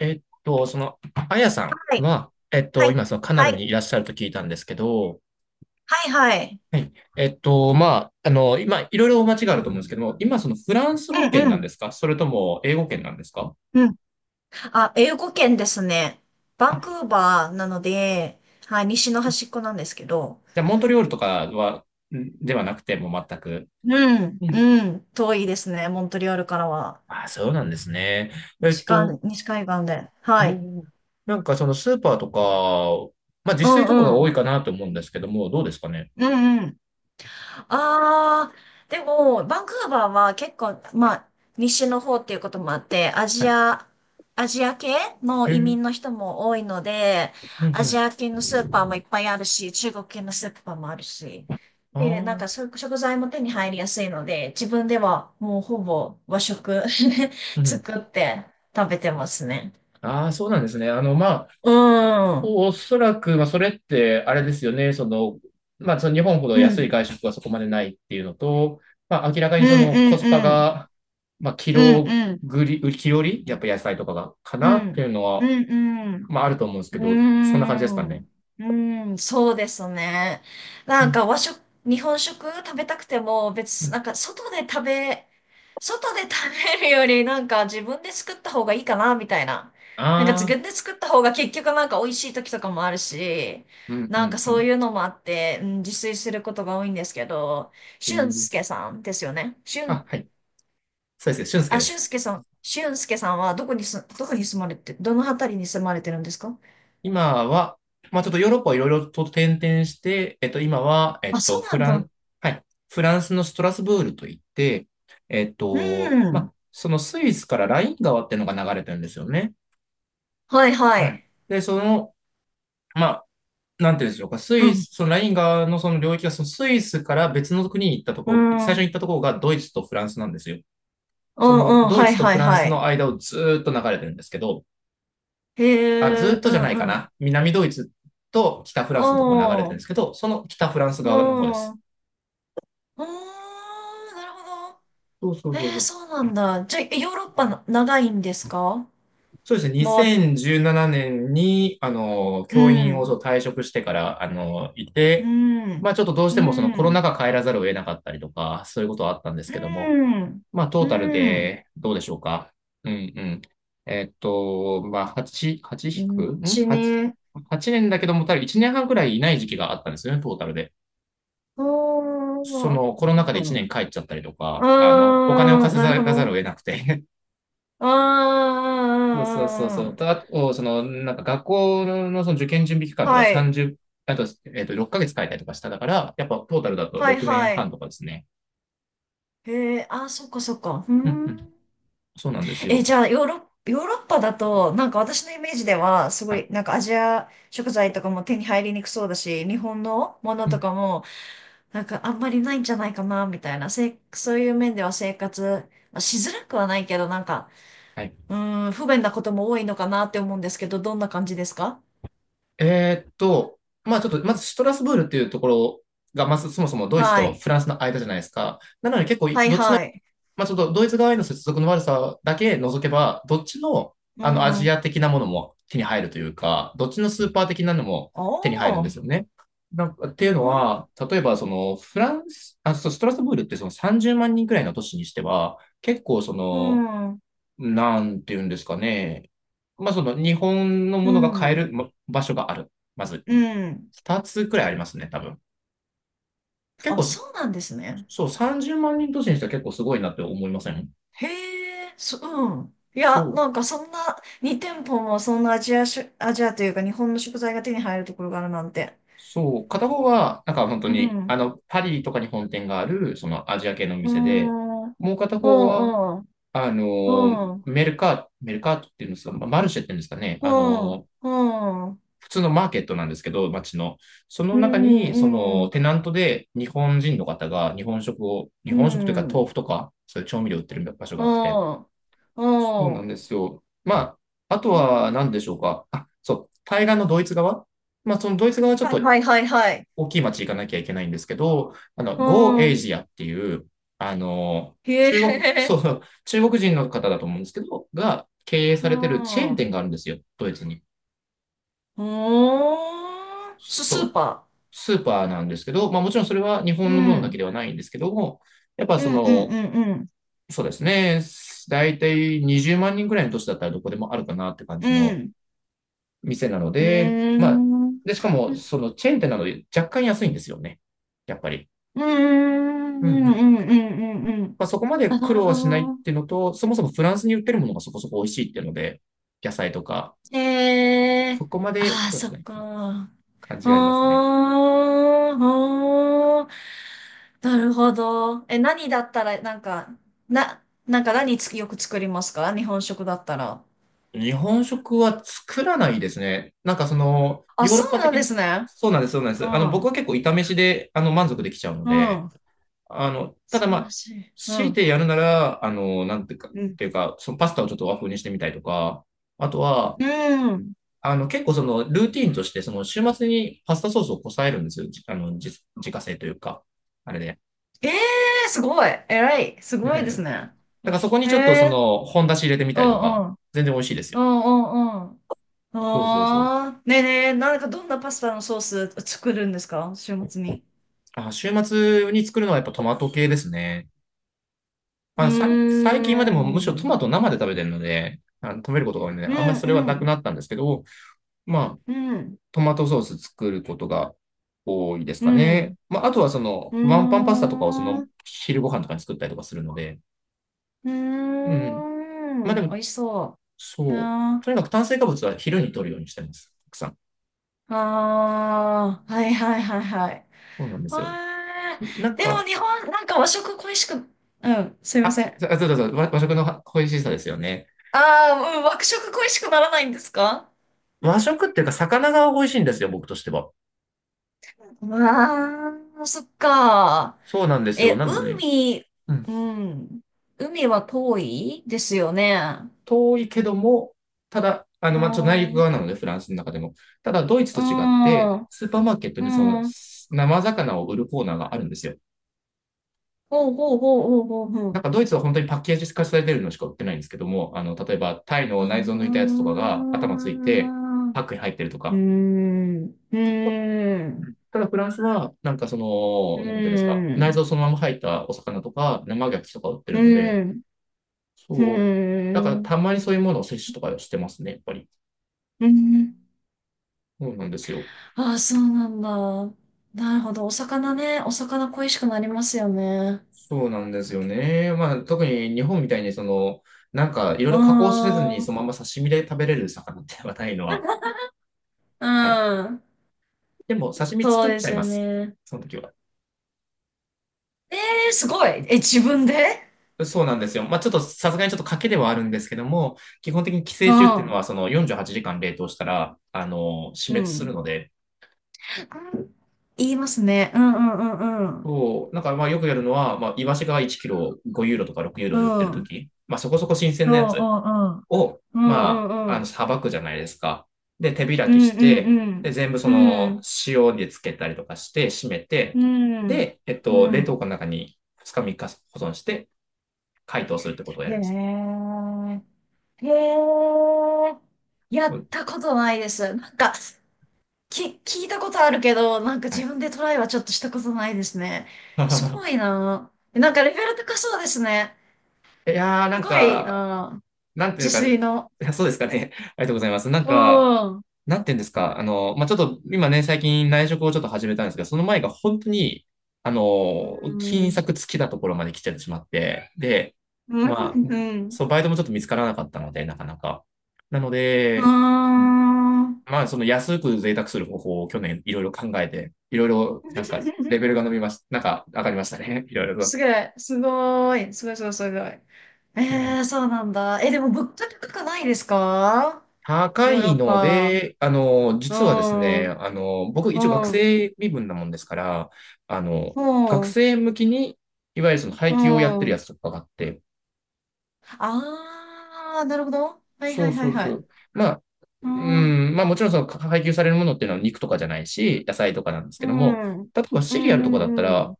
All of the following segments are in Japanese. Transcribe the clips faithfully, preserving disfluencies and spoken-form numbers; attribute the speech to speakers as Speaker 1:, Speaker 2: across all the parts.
Speaker 1: えっと、その、あやさ
Speaker 2: は
Speaker 1: ん
Speaker 2: い。
Speaker 1: は、えっ
Speaker 2: は
Speaker 1: と、
Speaker 2: い。
Speaker 1: 今、そのカナ
Speaker 2: は
Speaker 1: ダ
Speaker 2: い。
Speaker 1: にいらっしゃると聞いたんですけど、
Speaker 2: はいはい。
Speaker 1: はい。えっと、まあ、あの、今、いろいろお間違いあると思うんですけども、今、そのフランス語圏
Speaker 2: う
Speaker 1: なん
Speaker 2: ん
Speaker 1: ですか？それとも英語圏なんですか？
Speaker 2: うん。うん。あ、英語圏ですね。バ
Speaker 1: あ、
Speaker 2: ンクーバーなので、はい、西の端っこなんですけど。
Speaker 1: じゃあ、モントリオールとかは、んではなくて、もう全く。
Speaker 2: うん。
Speaker 1: うん。
Speaker 2: うん。遠いですね、モントリオールからは。
Speaker 1: あ、そうなんですね。えっ
Speaker 2: 西か、
Speaker 1: と、
Speaker 2: 西海岸で。はい。
Speaker 1: おーなんかそのスーパーとか、まあ自
Speaker 2: う
Speaker 1: 炊
Speaker 2: ん
Speaker 1: とかが
Speaker 2: う
Speaker 1: 多い
Speaker 2: ん。
Speaker 1: かなと思うんですけども、どうですかね。
Speaker 2: うんうん。ああ、でも、バンクーバーは結構、まあ、西の方っていうこともあって、ア
Speaker 1: は
Speaker 2: ジ
Speaker 1: い。
Speaker 2: ア、アジア系の
Speaker 1: へえ、う
Speaker 2: 移
Speaker 1: ん
Speaker 2: 民の人も多いので、
Speaker 1: う
Speaker 2: アジ
Speaker 1: ん。
Speaker 2: ア系のスーパーもいっぱいあるし、中国系のスーパーもあるし、
Speaker 1: あ
Speaker 2: で、なん
Speaker 1: あ、
Speaker 2: かそう食材も手に入りやすいので、自分ではもうほぼ和食
Speaker 1: う ん。
Speaker 2: 作って食べてますね。
Speaker 1: ああ、そうなんですね。あの、まあ、
Speaker 2: うん。うん。
Speaker 1: おおそらく、まあ、それって、あれですよね。その、まあ、その日本ほど
Speaker 2: う
Speaker 1: 安
Speaker 2: ん
Speaker 1: い外食はそこまでないっていうのと、まあ、明らか
Speaker 2: う
Speaker 1: にそ
Speaker 2: ん
Speaker 1: のコスパ
Speaker 2: うん。
Speaker 1: が、まあ、キ
Speaker 2: うん
Speaker 1: ロ
Speaker 2: うん。
Speaker 1: ぐり、キロリ、やっぱ野菜とかが、か
Speaker 2: う
Speaker 1: なってい
Speaker 2: ん。
Speaker 1: うの
Speaker 2: う
Speaker 1: は、
Speaker 2: んうん。
Speaker 1: まあ、あると思うんです
Speaker 2: う
Speaker 1: け
Speaker 2: ー
Speaker 1: ど、そんな感じですかね。
Speaker 2: ん。うーん、そうですね。
Speaker 1: う
Speaker 2: なん
Speaker 1: ん。
Speaker 2: か和食、日本食食べたくても
Speaker 1: う
Speaker 2: 別、
Speaker 1: ん。
Speaker 2: なんか外で食べ、外で食べるよりなんか自分で作った方がいいかな、みたいな。なんか自
Speaker 1: ああ、
Speaker 2: 分で作った方が結局なんか美味しい時とかもあるし、
Speaker 1: うん、う
Speaker 2: なんか
Speaker 1: ん、う
Speaker 2: そう
Speaker 1: ん。
Speaker 2: いうのもあって、うん、自炊することが多いんですけど、
Speaker 1: う
Speaker 2: 俊
Speaker 1: ん。
Speaker 2: 介さんですよね。俊、
Speaker 1: あ、はい。そうです。俊介
Speaker 2: あ、
Speaker 1: で
Speaker 2: 俊
Speaker 1: す。
Speaker 2: 介さん、俊介さんはどこにす、どこに住まれて、どの辺りに住まれてるんですか？
Speaker 1: 今は、まあちょっとヨーロッパをいろいろと転々して、えっと今は、え
Speaker 2: あ、
Speaker 1: っ
Speaker 2: そ
Speaker 1: と
Speaker 2: うな
Speaker 1: フ
Speaker 2: ん
Speaker 1: ラ
Speaker 2: だ。
Speaker 1: ン、はい、フランスのストラスブールといって、えっ
Speaker 2: う
Speaker 1: と、ま
Speaker 2: ん。
Speaker 1: あそのスイスからライン川っていうのが流れてるんですよね。
Speaker 2: はいは
Speaker 1: は
Speaker 2: い。
Speaker 1: い。で、その、まあなんていうんでしょうか、ス
Speaker 2: う
Speaker 1: イ
Speaker 2: ん。
Speaker 1: ス、そのライン川のその領域が、そのスイスから別の国に行ったと
Speaker 2: う
Speaker 1: こ、最初
Speaker 2: ん。
Speaker 1: に行ったところがドイツとフランスなんですよ。
Speaker 2: う
Speaker 1: その
Speaker 2: んうん。
Speaker 1: ドイ
Speaker 2: はい
Speaker 1: ツと
Speaker 2: は
Speaker 1: フ
Speaker 2: い
Speaker 1: ラン
Speaker 2: は
Speaker 1: スの
Speaker 2: い。
Speaker 1: 間をずーっと流れてるんですけど、
Speaker 2: へ
Speaker 1: あ、ずっ
Speaker 2: え、
Speaker 1: と
Speaker 2: う
Speaker 1: じゃないか
Speaker 2: んうん。
Speaker 1: な。南ドイツと北フ
Speaker 2: あ
Speaker 1: ランスのところ流れて
Speaker 2: あ、
Speaker 1: るんで
Speaker 2: う
Speaker 1: すけど、その北
Speaker 2: ん。
Speaker 1: フランス側の方で
Speaker 2: うー
Speaker 1: す。
Speaker 2: ん、なるほ
Speaker 1: そうそう
Speaker 2: ど。え
Speaker 1: そうそ
Speaker 2: ー、
Speaker 1: う。
Speaker 2: そうなんだ。じゃあ、ヨーロッパな長いんですか？
Speaker 1: そうですね。
Speaker 2: まあ、
Speaker 1: にせんじゅうななねんに、あの、教
Speaker 2: う
Speaker 1: 員をそ
Speaker 2: ん。
Speaker 1: う退職してから、あの、い
Speaker 2: う
Speaker 1: て、ま
Speaker 2: ん。
Speaker 1: あちょっとどうし
Speaker 2: う
Speaker 1: てもその
Speaker 2: ん。
Speaker 1: コ
Speaker 2: う
Speaker 1: ロナ
Speaker 2: ん。
Speaker 1: 禍帰らざるを得なかったりとか、そういうことはあったんですけども、まあトー
Speaker 2: う
Speaker 1: タル
Speaker 2: ん。
Speaker 1: でどうでしょうか。うんうん。えっと、まあはち、はち
Speaker 2: う
Speaker 1: 引く
Speaker 2: ん
Speaker 1: ん？
Speaker 2: ち
Speaker 1: はち、
Speaker 2: ね。
Speaker 1: はちねんだけども、多分いちねんはんくらいいない時期があったんですよね、トータルで。
Speaker 2: あ
Speaker 1: そ
Speaker 2: ー
Speaker 1: の
Speaker 2: う
Speaker 1: コロナ禍で1
Speaker 2: ん。う
Speaker 1: 年帰っちゃったりとか、あの、お金を
Speaker 2: ーん、
Speaker 1: 稼
Speaker 2: なるほ
Speaker 1: がざ
Speaker 2: ど。
Speaker 1: るを得なくて
Speaker 2: あ
Speaker 1: そうそうそうそう。と、
Speaker 2: あ
Speaker 1: あと、その、なんか学校のその受験準備期間
Speaker 2: ー
Speaker 1: とか
Speaker 2: はい。
Speaker 1: さんじゅう、あと、えっと、ろっかげつ帰ったりとかしただから、やっぱトータルだと
Speaker 2: はい
Speaker 1: 6年
Speaker 2: は
Speaker 1: 半
Speaker 2: い。
Speaker 1: とかですね。
Speaker 2: へえ、あ、そっかそっか。うー
Speaker 1: うんう
Speaker 2: ん。
Speaker 1: ん。そうなんです
Speaker 2: え、じ
Speaker 1: よ。
Speaker 2: ゃあ、ヨーロッ、ヨーロッパだと、なんか私のイメージでは、すご
Speaker 1: はい。
Speaker 2: い、なんかアジア食材とかも手に入りにくそうだし、日本のもの
Speaker 1: う
Speaker 2: と
Speaker 1: ん。
Speaker 2: かも、なんかあんまりないんじゃないかな、みたいな。せ、そういう面では生活、まあ、しづらくはないけど、なんか、
Speaker 1: はい。
Speaker 2: うーん、不便なことも多いのかなって思うんですけど、どんな感じですか？
Speaker 1: えーっと、まあちょっと、まずシュトラスブールっていうところが、まずそもそもドイツ
Speaker 2: は
Speaker 1: と
Speaker 2: い。
Speaker 1: フランスの間じゃないですか。なので結構、
Speaker 2: はい
Speaker 1: どっち
Speaker 2: はい。
Speaker 1: まあ、ちょっとドイツ側への接続の悪さだけ除けば、どっちの、
Speaker 2: う
Speaker 1: あの、アジ
Speaker 2: ん。
Speaker 1: ア的なものも手に入るというか、どっちのスーパー的なのも手に入るんで
Speaker 2: おー。
Speaker 1: すよね。なんかっていう
Speaker 2: う
Speaker 1: の
Speaker 2: ん。
Speaker 1: は、例えば、その、フランス、あ、そうストラスブールってそのさんじゅうまん人くらいの都市にしては、結構そ
Speaker 2: う
Speaker 1: の、
Speaker 2: ん。う
Speaker 1: なんていうんですかね。まあ、その、日本のものが買え
Speaker 2: ん。
Speaker 1: るま場所がある。まず、
Speaker 2: うん。
Speaker 1: ふたつくらいありますね、多分。結
Speaker 2: あ、
Speaker 1: 構、
Speaker 2: そうなんですね。
Speaker 1: そう、さんじゅうまん人都市にしては結構すごいなって思いません？
Speaker 2: へえ、そ、うん。い
Speaker 1: そ
Speaker 2: や、
Speaker 1: う。
Speaker 2: なんかそんな、に店舗もそんなアジアし、アジアというか日本の食材が手に入るところがあるなんて。
Speaker 1: そう、片方は、なんか本当
Speaker 2: う
Speaker 1: に、あ
Speaker 2: ん。
Speaker 1: の、パリとかに本店がある、そのアジア系の
Speaker 2: う
Speaker 1: 店で、
Speaker 2: ん。うん、
Speaker 1: もう片
Speaker 2: う
Speaker 1: 方は、
Speaker 2: ん。
Speaker 1: あの、
Speaker 2: うん。
Speaker 1: メルカート、メルカートっていうんですか、まあマルシェっていうんですかね、
Speaker 2: う
Speaker 1: あ
Speaker 2: ん。
Speaker 1: の、
Speaker 2: うん。うん。
Speaker 1: 普通のマーケットなんですけど、街の。その
Speaker 2: う
Speaker 1: 中に、その、
Speaker 2: ん。
Speaker 1: テナントで日本人の方が日本食を、日本食というか豆腐とか、そういう調味料売ってる場所が
Speaker 2: う
Speaker 1: あって。
Speaker 2: ん。
Speaker 1: そう
Speaker 2: う
Speaker 1: なん
Speaker 2: ん。
Speaker 1: ですよ。まあ、あ
Speaker 2: へ
Speaker 1: とは何で
Speaker 2: え。
Speaker 1: しょうか。あ、そう、対岸のドイツ側。まあ、そのドイツ側はちょっ
Speaker 2: はい
Speaker 1: と
Speaker 2: はいはいはい。
Speaker 1: 大きい町行かなきゃいけないんですけど、あの、
Speaker 2: う
Speaker 1: Go
Speaker 2: ん。
Speaker 1: Asia っていう、あの、
Speaker 2: へ
Speaker 1: 中国、そ
Speaker 2: え。
Speaker 1: う、中国人の方だと思うんですけど、が経営
Speaker 2: う
Speaker 1: されてるチェーン
Speaker 2: ん。う
Speaker 1: 店があるんですよ、ドイツに。
Speaker 2: ーん。ス、スー
Speaker 1: そう、
Speaker 2: パ
Speaker 1: スーパーなんですけど、まあもちろんそれは日
Speaker 2: ー。う
Speaker 1: 本のものだけ
Speaker 2: ん。
Speaker 1: ではないんですけども、やっぱ
Speaker 2: う
Speaker 1: そ
Speaker 2: んう
Speaker 1: の、
Speaker 2: んうん
Speaker 1: そうですね、大体にじゅうまん人ぐらいの都市だったらどこでもあるかなって感
Speaker 2: う
Speaker 1: じ
Speaker 2: ん。う
Speaker 1: の
Speaker 2: ん。
Speaker 1: 店なの
Speaker 2: うー
Speaker 1: で、まあ、
Speaker 2: ん。う
Speaker 1: で、しかもそのチェーン店なので若干安いんですよね、やっぱり。
Speaker 2: ーんう
Speaker 1: う
Speaker 2: ん
Speaker 1: んう
Speaker 2: う
Speaker 1: ん。
Speaker 2: んうんうん。
Speaker 1: まあ、そこまで
Speaker 2: あ、な
Speaker 1: 苦
Speaker 2: る
Speaker 1: 労は
Speaker 2: ほ
Speaker 1: しないっ
Speaker 2: ど。
Speaker 1: ていうのと、そもそもフランスに売ってるものがそこそこ美味しいっていうので、野菜とか、
Speaker 2: へえ
Speaker 1: そ
Speaker 2: ー。
Speaker 1: こまで
Speaker 2: ああ、
Speaker 1: 苦労
Speaker 2: そ
Speaker 1: しな
Speaker 2: っ
Speaker 1: い
Speaker 2: か。
Speaker 1: 感
Speaker 2: お
Speaker 1: じがありますね。
Speaker 2: ー、おー。なるほど。え、何だったら、なんか、な、なんか何つ、よく作りますか、日本食だったら？
Speaker 1: 日本食は作らないですね。なんかその、
Speaker 2: あ、
Speaker 1: ヨーロ
Speaker 2: そ
Speaker 1: ッ
Speaker 2: う
Speaker 1: パ
Speaker 2: な
Speaker 1: 的
Speaker 2: んで
Speaker 1: に、
Speaker 2: すね。
Speaker 1: そうなんです、そうなんで
Speaker 2: う
Speaker 1: す。あの、僕
Speaker 2: ん。
Speaker 1: は結構炒飯で、あの、満足できちゃうの
Speaker 2: う
Speaker 1: で、
Speaker 2: ん。
Speaker 1: あの、ただ
Speaker 2: 素晴
Speaker 1: ま
Speaker 2: ら
Speaker 1: あ、
Speaker 2: しい。う
Speaker 1: 強い
Speaker 2: ん。
Speaker 1: てやるなら、あの、なんていうか、っ
Speaker 2: うん。
Speaker 1: ていうか、そのパスタをちょっと和風にしてみたりとか、あとは、
Speaker 2: うん。
Speaker 1: あの、結構そのルーティーンとして、その週末にパスタソースをこさえるんですよ。じあの、自自家製というか、あれで。
Speaker 2: ええー、すごい。偉い。す
Speaker 1: で
Speaker 2: ご
Speaker 1: だ
Speaker 2: いですね。
Speaker 1: からそこに
Speaker 2: え
Speaker 1: ちょっとそ
Speaker 2: え
Speaker 1: の本出し入れてみた
Speaker 2: う
Speaker 1: りとか、
Speaker 2: んうん。
Speaker 1: 全然美味しいですよ。
Speaker 2: うんうんうん。
Speaker 1: そうそうそう。
Speaker 2: ああ。ねえねえ、なんかどんなパスタのソース作るんですか、週末に？
Speaker 1: あ、週末に作るのはやっぱトマト系ですね。
Speaker 2: うー
Speaker 1: まあ、さ最近はでもむしろト
Speaker 2: ん。
Speaker 1: マト生で食べてるので、あの食べることが多いので、
Speaker 2: う
Speaker 1: あんまりそれは
Speaker 2: んう
Speaker 1: なく
Speaker 2: ん。
Speaker 1: なったんですけど、まあ、
Speaker 2: うん。
Speaker 1: トマトソース作ることが多いです
Speaker 2: う
Speaker 1: か
Speaker 2: ん。
Speaker 1: ね。まあ、あとはそ
Speaker 2: うー
Speaker 1: の、ワンパンパスタとかをそ
Speaker 2: ん。
Speaker 1: の、
Speaker 2: う
Speaker 1: 昼ご飯とかに作ったりとかするので、う
Speaker 2: ー
Speaker 1: ん。まあで
Speaker 2: ん。美
Speaker 1: も
Speaker 2: 味しそう。
Speaker 1: そう。
Speaker 2: あ
Speaker 1: とに
Speaker 2: ー
Speaker 1: かく炭水化物は昼に摂るようにしてます。たくさん。
Speaker 2: あー。はいはいはいはい。
Speaker 1: そうなんです
Speaker 2: わ
Speaker 1: よ。な
Speaker 2: ー。
Speaker 1: ん
Speaker 2: でも
Speaker 1: か、
Speaker 2: 日本、なんか和食恋しく、うん。すいま
Speaker 1: あ、
Speaker 2: せん。
Speaker 1: あそうそうそう、和和食の美味しさですよね。
Speaker 2: ああ、うん、和食恋しくならないんですか？
Speaker 1: 和食っていうか、魚が美味しいんですよ、僕としては。
Speaker 2: ああ、そっか。
Speaker 1: そうなんですよ。
Speaker 2: え、
Speaker 1: なので、
Speaker 2: 海、
Speaker 1: うん。
Speaker 2: うん。海は遠いですよね。
Speaker 1: 遠いけども、ただ、あの、
Speaker 2: う
Speaker 1: まあ、ちょっと内
Speaker 2: ん。
Speaker 1: 陸
Speaker 2: う
Speaker 1: 側なので、フランスの中でも。ただ、ドイツと違って、
Speaker 2: ん。
Speaker 1: スーパーマーケット
Speaker 2: う
Speaker 1: にその、
Speaker 2: ん。
Speaker 1: 生魚を売るコーナーがあるんですよ。
Speaker 2: ほうほうほうほうほうほ
Speaker 1: なん
Speaker 2: う。
Speaker 1: かドイツは本当にパッケージ化されてるのしか売ってないんですけども、あの、例えばタイの
Speaker 2: あ
Speaker 1: 内臓抜いたや
Speaker 2: あ。
Speaker 1: つとかが頭ついて、パックに入ってると
Speaker 2: う
Speaker 1: か、
Speaker 2: ん。うん。
Speaker 1: ただフランスは、なんかそ
Speaker 2: う
Speaker 1: の、なんていうんですか、内
Speaker 2: ん。
Speaker 1: 臓そのまま入ったお魚とか、生牡蠣とか売って
Speaker 2: う
Speaker 1: るので、
Speaker 2: ん。
Speaker 1: そう。だからたまにそういうものを摂取とかしてますね、やっぱり。
Speaker 2: うん。
Speaker 1: そうなんですよ。
Speaker 2: ああ、そうなんだ。なるほど。お魚ね。お魚恋しくなりますよね。
Speaker 1: そうなんですよね。まあ、特に日本みたいに、その、なんかいろい
Speaker 2: う
Speaker 1: ろ加工せず
Speaker 2: ー
Speaker 1: に
Speaker 2: ん。
Speaker 1: そのまま刺身で食べれる魚ってはないのは。
Speaker 2: う
Speaker 1: はい。
Speaker 2: ん。
Speaker 1: でも、刺身
Speaker 2: そう
Speaker 1: 作っ
Speaker 2: で
Speaker 1: ちゃ
Speaker 2: す
Speaker 1: いま
Speaker 2: よ
Speaker 1: す。
Speaker 2: ね。
Speaker 1: その時は。
Speaker 2: えーすごい。え、自分で？
Speaker 1: そうなんですよ。まあ、ちょっとさすがにちょっと賭けではあるんですけども、基本的に寄
Speaker 2: う
Speaker 1: 生虫っていうの
Speaker 2: ん。
Speaker 1: はそのよんじゅうはちじかん冷凍したら、あの、死
Speaker 2: う
Speaker 1: 滅する
Speaker 2: ん。
Speaker 1: ので、
Speaker 2: 言いますね。うんうんうん
Speaker 1: そう、なんかまあよくやるのは、まあ、イワシがいちキロごユーロとかろくユーロ
Speaker 2: う
Speaker 1: で売ってる
Speaker 2: ん。
Speaker 1: と
Speaker 2: うん。
Speaker 1: き、まあそこそこ新鮮
Speaker 2: そ
Speaker 1: なやつを、
Speaker 2: う、うんう
Speaker 1: ま
Speaker 2: んう
Speaker 1: あ、あの、
Speaker 2: ん。
Speaker 1: さばくじゃないですか。で、手開
Speaker 2: う
Speaker 1: き
Speaker 2: んう
Speaker 1: して、で、
Speaker 2: ん
Speaker 1: 全部そ
Speaker 2: うん。う
Speaker 1: の、
Speaker 2: ん。
Speaker 1: 塩でつけたりとかして、締め
Speaker 2: う
Speaker 1: て、
Speaker 2: ん。うん。
Speaker 1: で、えっ
Speaker 2: う
Speaker 1: と、
Speaker 2: んう
Speaker 1: 冷
Speaker 2: ん。
Speaker 1: 凍庫の中にふつかみっか保存して、解凍するってことをやります。
Speaker 2: へえ。へえ。や
Speaker 1: う
Speaker 2: っ
Speaker 1: ん。
Speaker 2: たことないです。なんか、き、聞いたことあるけど、なんか
Speaker 1: は
Speaker 2: 自
Speaker 1: い。
Speaker 2: 分でトライはちょっとしたことないですね。すごい な。なんかレベル高そうですね。
Speaker 1: いやー、な
Speaker 2: す
Speaker 1: ん
Speaker 2: ごい
Speaker 1: か、
Speaker 2: な、
Speaker 1: なんてい
Speaker 2: 自
Speaker 1: うか、い
Speaker 2: 炊の。
Speaker 1: やそうですかね。ありがとうございます。なん
Speaker 2: う
Speaker 1: か、
Speaker 2: ん。
Speaker 1: なんて言うんですか、あの、まあ、ちょっと今ね、最近内職をちょっと始めたんですけど、その前が本当に、あ
Speaker 2: う
Speaker 1: の、金
Speaker 2: ん。
Speaker 1: 策尽きたところまで来ちゃってしまって、で、
Speaker 2: う
Speaker 1: ま
Speaker 2: ん。
Speaker 1: あ、
Speaker 2: うん。
Speaker 1: そう、バイトもちょっと見つからなかったので、なかなか。なの
Speaker 2: うー
Speaker 1: で、うん。
Speaker 2: ん。
Speaker 1: まあ、その安く贅沢する方法を去年いろいろ考えて、いろいろなんかレベルが伸びました。なんか上がりましたね。いろいろと。
Speaker 2: すごい、すごい、すごい、すごい、すごい。えー、そうなんだ。え、でも物価高くないですか、
Speaker 1: 高
Speaker 2: ヨーロ
Speaker 1: い
Speaker 2: ッ
Speaker 1: の
Speaker 2: パ？
Speaker 1: で、あの、
Speaker 2: う
Speaker 1: 実はです
Speaker 2: ん、
Speaker 1: ね、
Speaker 2: うん、
Speaker 1: あの、僕一応学生身分なもんですから、あの、
Speaker 2: う
Speaker 1: 学
Speaker 2: ん、うん。
Speaker 1: 生向きに、いわゆるその配給をやってるやつとかがあって、
Speaker 2: あー、なるほど。はい
Speaker 1: そ
Speaker 2: は
Speaker 1: う
Speaker 2: いは
Speaker 1: そ
Speaker 2: い
Speaker 1: う
Speaker 2: は
Speaker 1: そ
Speaker 2: い。
Speaker 1: う。まあ、
Speaker 2: う
Speaker 1: う
Speaker 2: ん、うん、
Speaker 1: ん、まあもちろんそのか配給されるものっていうのは肉とかじゃないし、野菜とかなんですけ
Speaker 2: う
Speaker 1: ども、
Speaker 2: ん、うん、
Speaker 1: 例えばシリアルとかだった
Speaker 2: う
Speaker 1: ら、
Speaker 2: ん。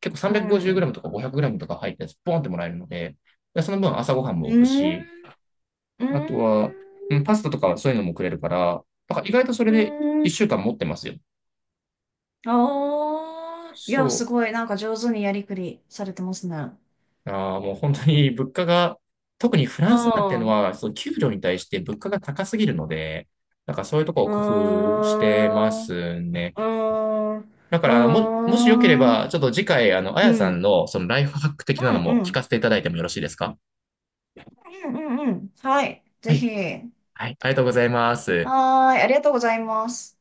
Speaker 1: 結構
Speaker 2: うん、
Speaker 1: さんびゃくごじゅうグラム とか ごひゃくグラム とか入ったやつ、ポンってもらえるので、でその分朝ごはんも置くし、
Speaker 2: うん。
Speaker 1: あとは、うん、パスタとかそういうのもくれるから、だから意外とそれ
Speaker 2: う
Speaker 1: で
Speaker 2: ーん。
Speaker 1: いっしゅうかん持ってますよ。
Speaker 2: ああ。いや、す
Speaker 1: そ
Speaker 2: ごい。なんか上手にやりくりされてますね。
Speaker 1: う。ああ、もう本当に物価が、特にフラ
Speaker 2: う
Speaker 1: ンスなんての
Speaker 2: ん。う
Speaker 1: は、その給料に対して物価が高すぎるので、なんかそういうとこを
Speaker 2: ー
Speaker 1: 工夫してま
Speaker 2: ん。う
Speaker 1: すね。
Speaker 2: ーん。う
Speaker 1: だか
Speaker 2: ー
Speaker 1: ら、も、もしよけれ
Speaker 2: ん。う
Speaker 1: ば、ち
Speaker 2: ん。
Speaker 1: ょっと次回、あの、あ
Speaker 2: う
Speaker 1: やさ
Speaker 2: ん。
Speaker 1: んのそのライフハック的な
Speaker 2: う
Speaker 1: の
Speaker 2: ん。
Speaker 1: も
Speaker 2: う
Speaker 1: 聞か
Speaker 2: ん。
Speaker 1: せていただいてもよろしいですか？
Speaker 2: うん。うんはい。
Speaker 1: は
Speaker 2: ぜ
Speaker 1: い。
Speaker 2: ひ。
Speaker 1: はい。ありがとうございます。
Speaker 2: はーい。ありがとうございます。